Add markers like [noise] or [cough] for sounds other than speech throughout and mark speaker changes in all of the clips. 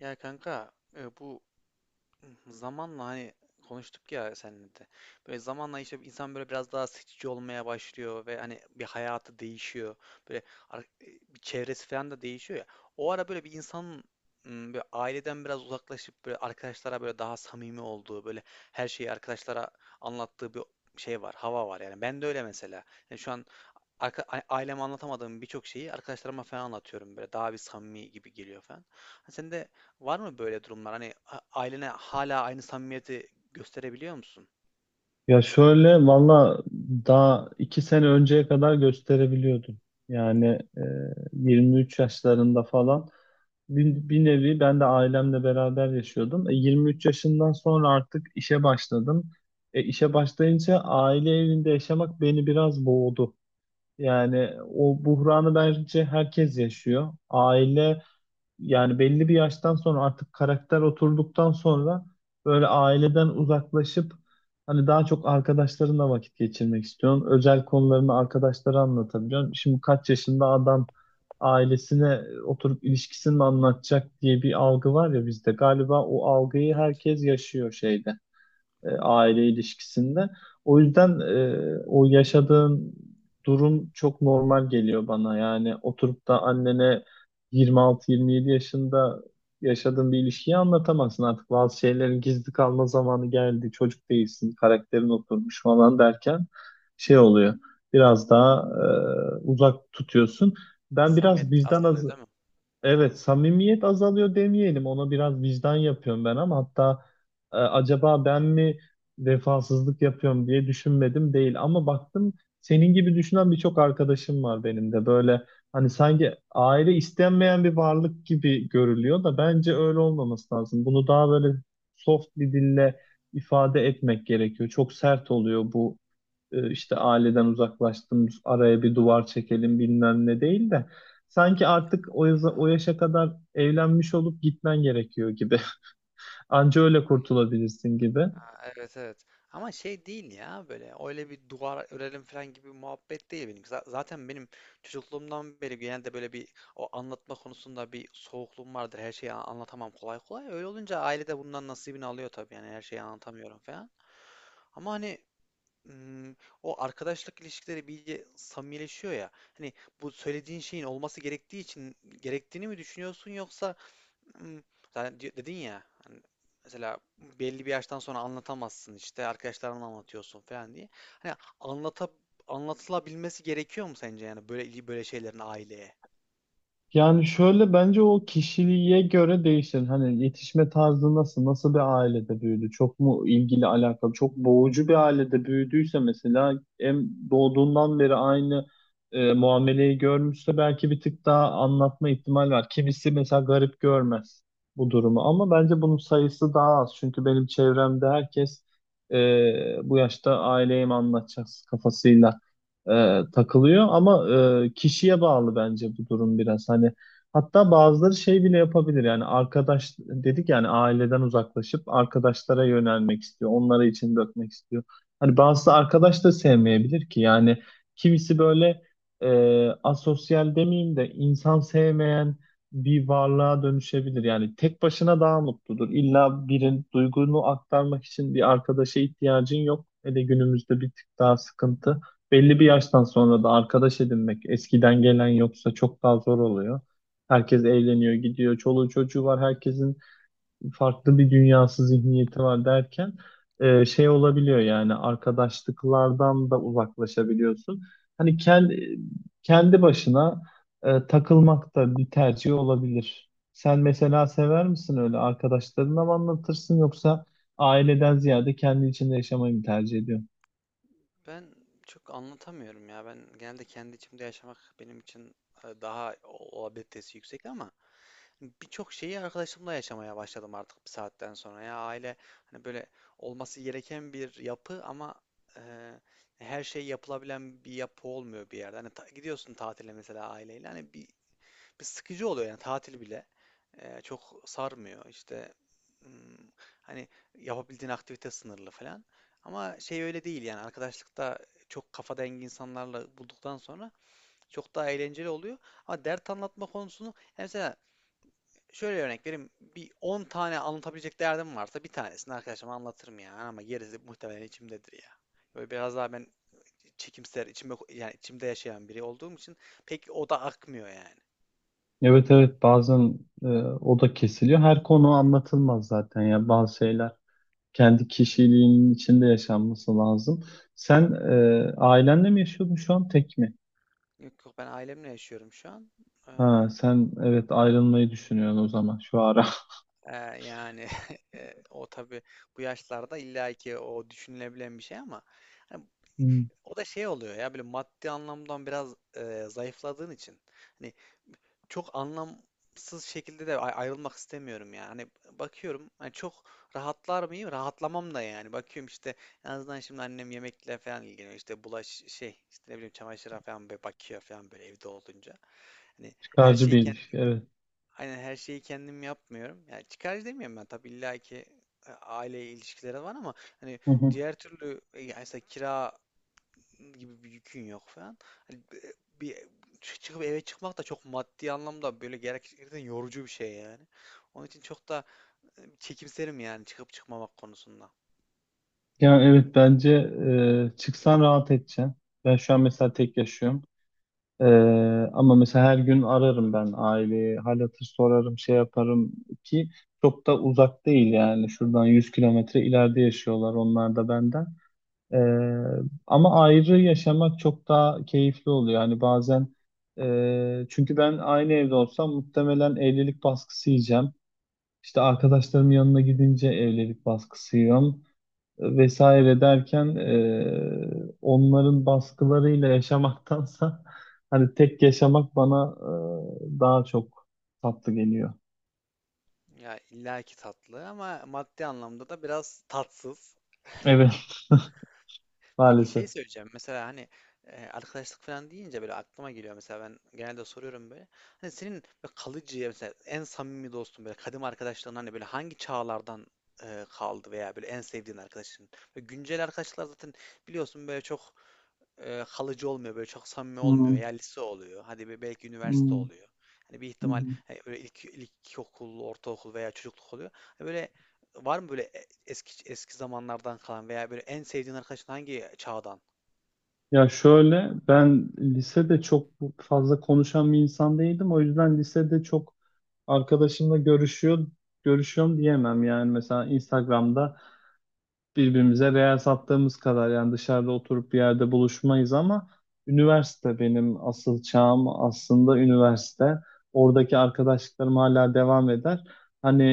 Speaker 1: Ya kanka, bu zamanla hani konuştuk ya seninle de. Böyle zamanla işte insan böyle biraz daha seçici olmaya başlıyor ve hani bir hayatı değişiyor. Böyle ar- e, bir çevresi falan da değişiyor ya. O ara böyle bir insanın böyle aileden biraz uzaklaşıp böyle arkadaşlara böyle daha samimi olduğu, böyle her şeyi arkadaşlara anlattığı bir şey var, hava var yani. Ben de öyle mesela. Yani şu an aileme anlatamadığım birçok şeyi arkadaşlarıma falan anlatıyorum böyle daha bir samimi gibi geliyor falan. Hani sende var mı böyle durumlar? Hani ailene hala aynı samimiyeti gösterebiliyor musun?
Speaker 2: Ya şöyle valla daha iki sene önceye kadar gösterebiliyordum. Yani e, 23 yaşlarında falan bir nevi ben de ailemle beraber yaşıyordum. E, 23 yaşından sonra artık işe başladım. E, işe başlayınca aile evinde yaşamak beni biraz boğdu. Yani o buhranı bence herkes yaşıyor. Aile, yani belli bir yaştan sonra artık karakter oturduktan sonra böyle aileden uzaklaşıp hani daha çok arkadaşlarınla vakit geçirmek istiyorsun. Özel konularını arkadaşlara anlatabiliyorsun. Şimdi kaç yaşında adam ailesine oturup ilişkisini mi anlatacak diye bir algı var ya bizde. Galiba o algıyı
Speaker 1: Evet.
Speaker 2: herkes yaşıyor şeyde, aile ilişkisinde. O yüzden o yaşadığın durum çok normal geliyor bana. Yani oturup da annene 26-27 yaşında yaşadığın bir ilişkiyi anlatamazsın. Artık bazı şeylerin gizli kalma zamanı geldi. Çocuk değilsin, karakterin oturmuş falan derken şey oluyor. Biraz daha uzak tutuyorsun. Ben
Speaker 1: Samimiyet
Speaker 2: biraz vicdan az,
Speaker 1: azalıyor değil mi?
Speaker 2: evet, samimiyet azalıyor demeyelim. Ona biraz vicdan yapıyorum ben ama hatta, acaba ben mi vefasızlık yapıyorum diye düşünmedim değil. Ama baktım senin gibi düşünen birçok arkadaşım var benim de. Böyle hani sanki aile istenmeyen bir varlık gibi görülüyor da bence öyle olmaması lazım. Bunu daha böyle soft bir dille ifade etmek gerekiyor. Çok sert oluyor bu, işte aileden uzaklaştım, araya bir duvar çekelim bilmem ne değil de sanki artık o, o
Speaker 1: Ya.
Speaker 2: yaşa kadar evlenmiş olup gitmen gerekiyor gibi. [laughs] Anca öyle kurtulabilirsin gibi.
Speaker 1: Ha, evet evet. Ama şey değil ya böyle öyle bir duvar örelim falan gibi bir muhabbet değil benim. Zaten benim çocukluğumdan beri genelde böyle bir o anlatma konusunda bir soğukluğum vardır. Her şeyi anlatamam kolay kolay. Öyle olunca ailede de bundan nasibini alıyor tabii yani her şeyi anlatamıyorum falan. Ama hani ım, o arkadaşlık ilişkileri bir iyice samimileşiyor ya. Hani bu söylediğin şeyin olması gerektiği için gerektiğini mi düşünüyorsun, yoksa Imm, zaten di dedin ya, hani, mesela belli bir yaştan sonra anlatamazsın, işte, arkadaşlarına anlatıyorsun falan diye. Hani, anlata anlatılabilmesi gerekiyor mu sence, yani, böyle böyle şeylerin aileye?
Speaker 2: Yani şöyle, bence o kişiliğe göre değişir. Hani yetişme tarzı nasıl, nasıl bir ailede büyüdü? Çok mu ilgili alakalı? Çok boğucu bir ailede büyüdüyse mesela, hem doğduğundan beri aynı muameleyi görmüşse belki bir tık daha anlatma ihtimali var. Kimisi mesela garip görmez bu durumu ama bence bunun sayısı daha az. Çünkü benim çevremde herkes e, bu yaşta aileye mi anlatacağız kafasıyla takılıyor ama kişiye bağlı bence bu durum biraz hani, hatta bazıları şey bile yapabilir yani, arkadaş dedik yani aileden uzaklaşıp arkadaşlara yönelmek istiyor, onlara için dökmek istiyor, hani bazısı arkadaş da sevmeyebilir ki yani. Kimisi böyle e, asosyal demeyeyim de insan sevmeyen bir varlığa dönüşebilir yani, tek başına daha mutludur. İlla birin duygunu aktarmak için bir arkadaşa ihtiyacın yok, hele günümüzde bir tık daha sıkıntı. Belli bir yaştan sonra da arkadaş edinmek, eskiden gelen yoksa, çok daha zor oluyor. Herkes evleniyor, gidiyor, çoluğu çocuğu var, herkesin farklı bir dünyası, zihniyeti var derken şey olabiliyor yani arkadaşlıklardan da uzaklaşabiliyorsun. Hani kendi başına takılmak da bir tercih olabilir. Sen mesela sever misin, öyle arkadaşlarına mı anlatırsın yoksa aileden ziyade kendi içinde yaşamayı mı tercih ediyorsun?
Speaker 1: Ben çok anlatamıyorum ya. Ben genelde kendi içimde yaşamak benim için, daha o olabilitesi yüksek ama birçok şeyi arkadaşımla yaşamaya başladım artık bir saatten sonra. Ya aile hani böyle olması gereken bir yapı ama e, her şey yapılabilen bir yapı olmuyor bir yerde. Hani gidiyorsun tatile mesela aileyle hani bir sıkıcı oluyor yani tatil bile çok sarmıyor işte, hmm, hani yapabildiğin aktivite sınırlı falan. Ama şey öyle değil yani arkadaşlıkta çok kafa dengi insanlarla bulduktan sonra çok daha eğlenceli oluyor. Ama dert anlatma konusunu yani mesela şöyle örnek vereyim. Bir 10 tane anlatabilecek derdim varsa bir tanesini arkadaşıma anlatırım ya. Ama gerisi muhtemelen içimdedir ya. Böyle biraz daha ben çekimser, içimde, yani içimde yaşayan biri olduğum için pek o da akmıyor yani.
Speaker 2: Evet, evet, bazen o da kesiliyor. Her konu anlatılmaz zaten ya, bazı şeyler kendi kişiliğinin içinde yaşanması lazım. Sen ailenle mi yaşıyordun, şu an tek mi?
Speaker 1: Yok yok, ben ailemle yaşıyorum şu an. Ee,
Speaker 2: Ha sen, evet, ayrılmayı düşünüyorsun o zaman şu ara. [laughs]
Speaker 1: e, yani [laughs] o tabii bu yaşlarda illa ki o düşünülebilen bir şey ama hani
Speaker 2: Hmm.
Speaker 1: o da şey oluyor ya böyle maddi anlamdan biraz zayıfladığın için. Hani çok anlamsız şekilde de ayrılmak istemiyorum yani. Hani bakıyorum hani çok rahatlar mıyım? Rahatlamam da yani. Bakıyorum işte en azından şimdi annem yemekle falan ilgileniyor. İşte bulaş şey işte ne bileyim çamaşıra falan böyle bakıyor falan böyle evde olunca. Hani her
Speaker 2: Çıkarcı
Speaker 1: şeyi
Speaker 2: bir
Speaker 1: kendim
Speaker 2: ilişki, evet.
Speaker 1: Aynen her şeyi kendim yapmıyorum. Yani çıkarcı demiyorum ben tabii, illa ki aile ilişkileri var ama hani
Speaker 2: Hı hı.
Speaker 1: diğer türlü, yani mesela kira gibi bir yükün yok falan. Hani bir çıkıp eve çıkmak da çok maddi anlamda böyle gerçekten yorucu bir şey yani. Onun için çok da çekimserim yani çıkıp çıkmamak konusunda.
Speaker 2: Ya evet, bence çıksan rahat edeceksin. Ben şu an mesela tek yaşıyorum. Ee, Ama mesela her gün ararım ben aileyi, hal hatır sorarım, şey yaparım ki çok da uzak değil yani. Şuradan 100 kilometre ileride yaşıyorlar onlar da benden. Ee, ama ayrı yaşamak çok daha keyifli oluyor. Yani bazen, çünkü ben aynı evde olsam muhtemelen evlilik baskısı yiyeceğim. İşte arkadaşlarımın yanına gidince evlilik baskısı yiyorum vesaire derken, onların baskılarıyla yaşamaktansa [laughs] hani tek yaşamak bana daha çok tatlı geliyor.
Speaker 1: Ya illaki tatlı ama maddi anlamda da biraz tatsız.
Speaker 2: Evet, [laughs]
Speaker 1: Peki
Speaker 2: maalesef.
Speaker 1: şey söyleyeceğim. Mesela hani arkadaşlık falan deyince böyle aklıma geliyor. Mesela ben genelde soruyorum böyle. Hani senin böyle kalıcı mesela en samimi dostun, böyle kadim arkadaşların hani böyle hangi çağlardan kaldı veya böyle en sevdiğin arkadaşın. Böyle güncel arkadaşlar zaten biliyorsun böyle çok kalıcı olmuyor böyle çok samimi olmuyor.
Speaker 2: Hmm,
Speaker 1: Ya lise oluyor. Hadi belki üniversite
Speaker 2: hmm,
Speaker 1: oluyor. Hani bir ihtimal
Speaker 2: hmm.
Speaker 1: hani böyle ilkokul, ortaokul veya çocukluk oluyor. Hani böyle var mı böyle eski eski zamanlardan kalan veya böyle en sevdiğin arkadaşın hangi çağdan?
Speaker 2: Ya şöyle, ben lisede çok fazla konuşan bir insan değildim. O yüzden lisede çok arkadaşımla görüşüyorum diyemem yani, mesela Instagram'da birbirimize real sattığımız kadar yani, dışarıda oturup bir yerde buluşmayız ama üniversite benim asıl çağım, aslında üniversite. Oradaki arkadaşlıklarım hala devam eder. Hani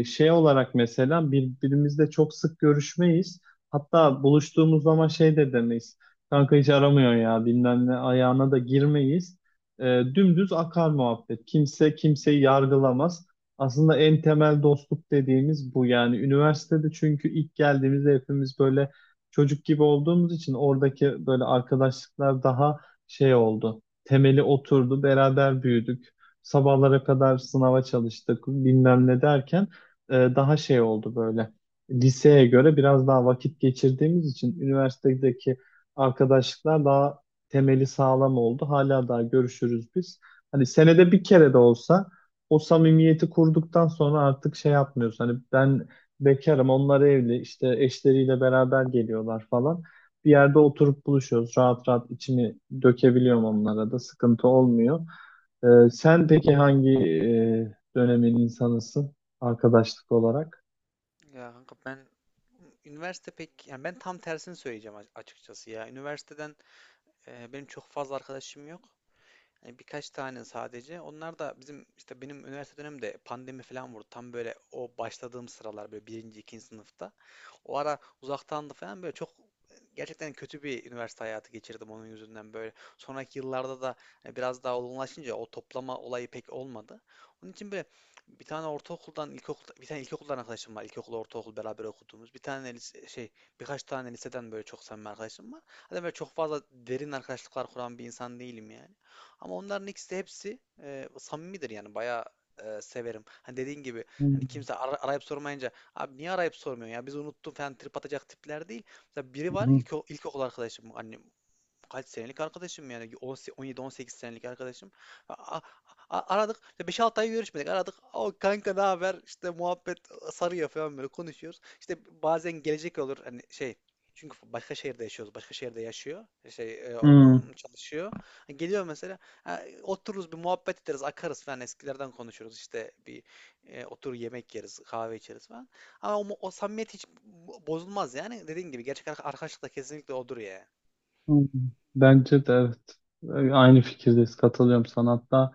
Speaker 2: şey olarak mesela birbirimizle çok sık görüşmeyiz. Hatta buluştuğumuz zaman şey de demeyiz. Kanka hiç aramıyor ya bilmem ne ayağına da girmeyiz. E, Dümdüz akar muhabbet. Kimse kimseyi yargılamaz. Aslında en temel dostluk dediğimiz bu yani, üniversitede, çünkü ilk geldiğimizde hepimiz böyle çocuk gibi olduğumuz için oradaki böyle arkadaşlıklar daha şey oldu. Temeli oturdu, beraber büyüdük. Sabahlara kadar sınava çalıştık, bilmem ne derken daha şey oldu böyle. Liseye göre biraz daha vakit geçirdiğimiz için üniversitedeki arkadaşlıklar daha temeli sağlam oldu. Hala daha görüşürüz biz. Hani senede bir kere de olsa, o samimiyeti kurduktan sonra artık şey yapmıyorsun. Hani ben bekarım, onlar evli, işte eşleriyle beraber geliyorlar falan. Bir yerde oturup buluşuyoruz. Rahat rahat içimi dökebiliyorum onlara da. Sıkıntı olmuyor. Sen peki hangi dönemin insanısın, arkadaşlık olarak?
Speaker 1: Ya kanka, ben üniversite pek yani ben tam tersini söyleyeceğim açıkçası ya. Üniversiteden benim çok fazla arkadaşım yok. Yani birkaç tane sadece. Onlar da bizim işte benim üniversite dönemimde pandemi falan vurdu. Tam böyle o başladığım sıralar böyle birinci, ikinci sınıfta. O ara uzaktandı falan böyle çok gerçekten kötü bir üniversite hayatı geçirdim onun yüzünden böyle. Sonraki yıllarda da hani biraz daha olgunlaşınca o toplama olayı pek olmadı. Onun için böyle bir tane ortaokuldan, ilkokul bir tane ilkokuldan arkadaşım var. İlkokul, ortaokul beraber okuduğumuz. Bir tane lise, şey, birkaç tane liseden böyle çok samimi arkadaşım var. Hani böyle çok fazla derin arkadaşlıklar kuran bir insan değilim yani. Ama onların ikisi de hepsi samimidir yani bayağı severim. Hani dediğin gibi hani
Speaker 2: Hmm,
Speaker 1: kimse arayıp sormayınca, abi niye arayıp sormuyorsun ya? Biz unuttum falan trip atacak tipler değil. Mesela biri var
Speaker 2: hmm,
Speaker 1: ilkokul arkadaşım, annem kaç senelik arkadaşım yani 17-18 senelik arkadaşım. A- a- Aradık işte beş altı ay görüşmedik, aradık. O kanka ne haber işte muhabbet sarıyor falan böyle konuşuyoruz. İşte bazen gelecek olur hani şey, çünkü başka şehirde yaşıyoruz. Başka şehirde yaşıyor. Şey,
Speaker 2: hmm,
Speaker 1: çalışıyor. Geliyor mesela. Ha, otururuz bir muhabbet ederiz. Akarız falan, eskilerden konuşuruz. İşte otur yemek yeriz. Kahve içeriz falan. Ama o samimiyet hiç bozulmaz yani. Dediğin gibi gerçek arkadaşlık da kesinlikle odur ya.
Speaker 2: hmm. Bence de evet. Aynı fikirdeyiz. Katılıyorum sana. Hatta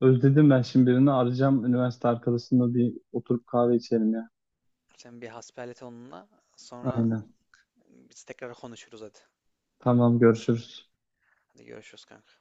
Speaker 2: özledim, ben şimdi birini arayacağım. Üniversite arkadaşımla bir oturup kahve içelim ya.
Speaker 1: Sen bir hasbihal et onunla. Sonra
Speaker 2: Aynen.
Speaker 1: biz tekrar konuşuruz hadi.
Speaker 2: Tamam, görüşürüz.
Speaker 1: Hadi görüşürüz kanka.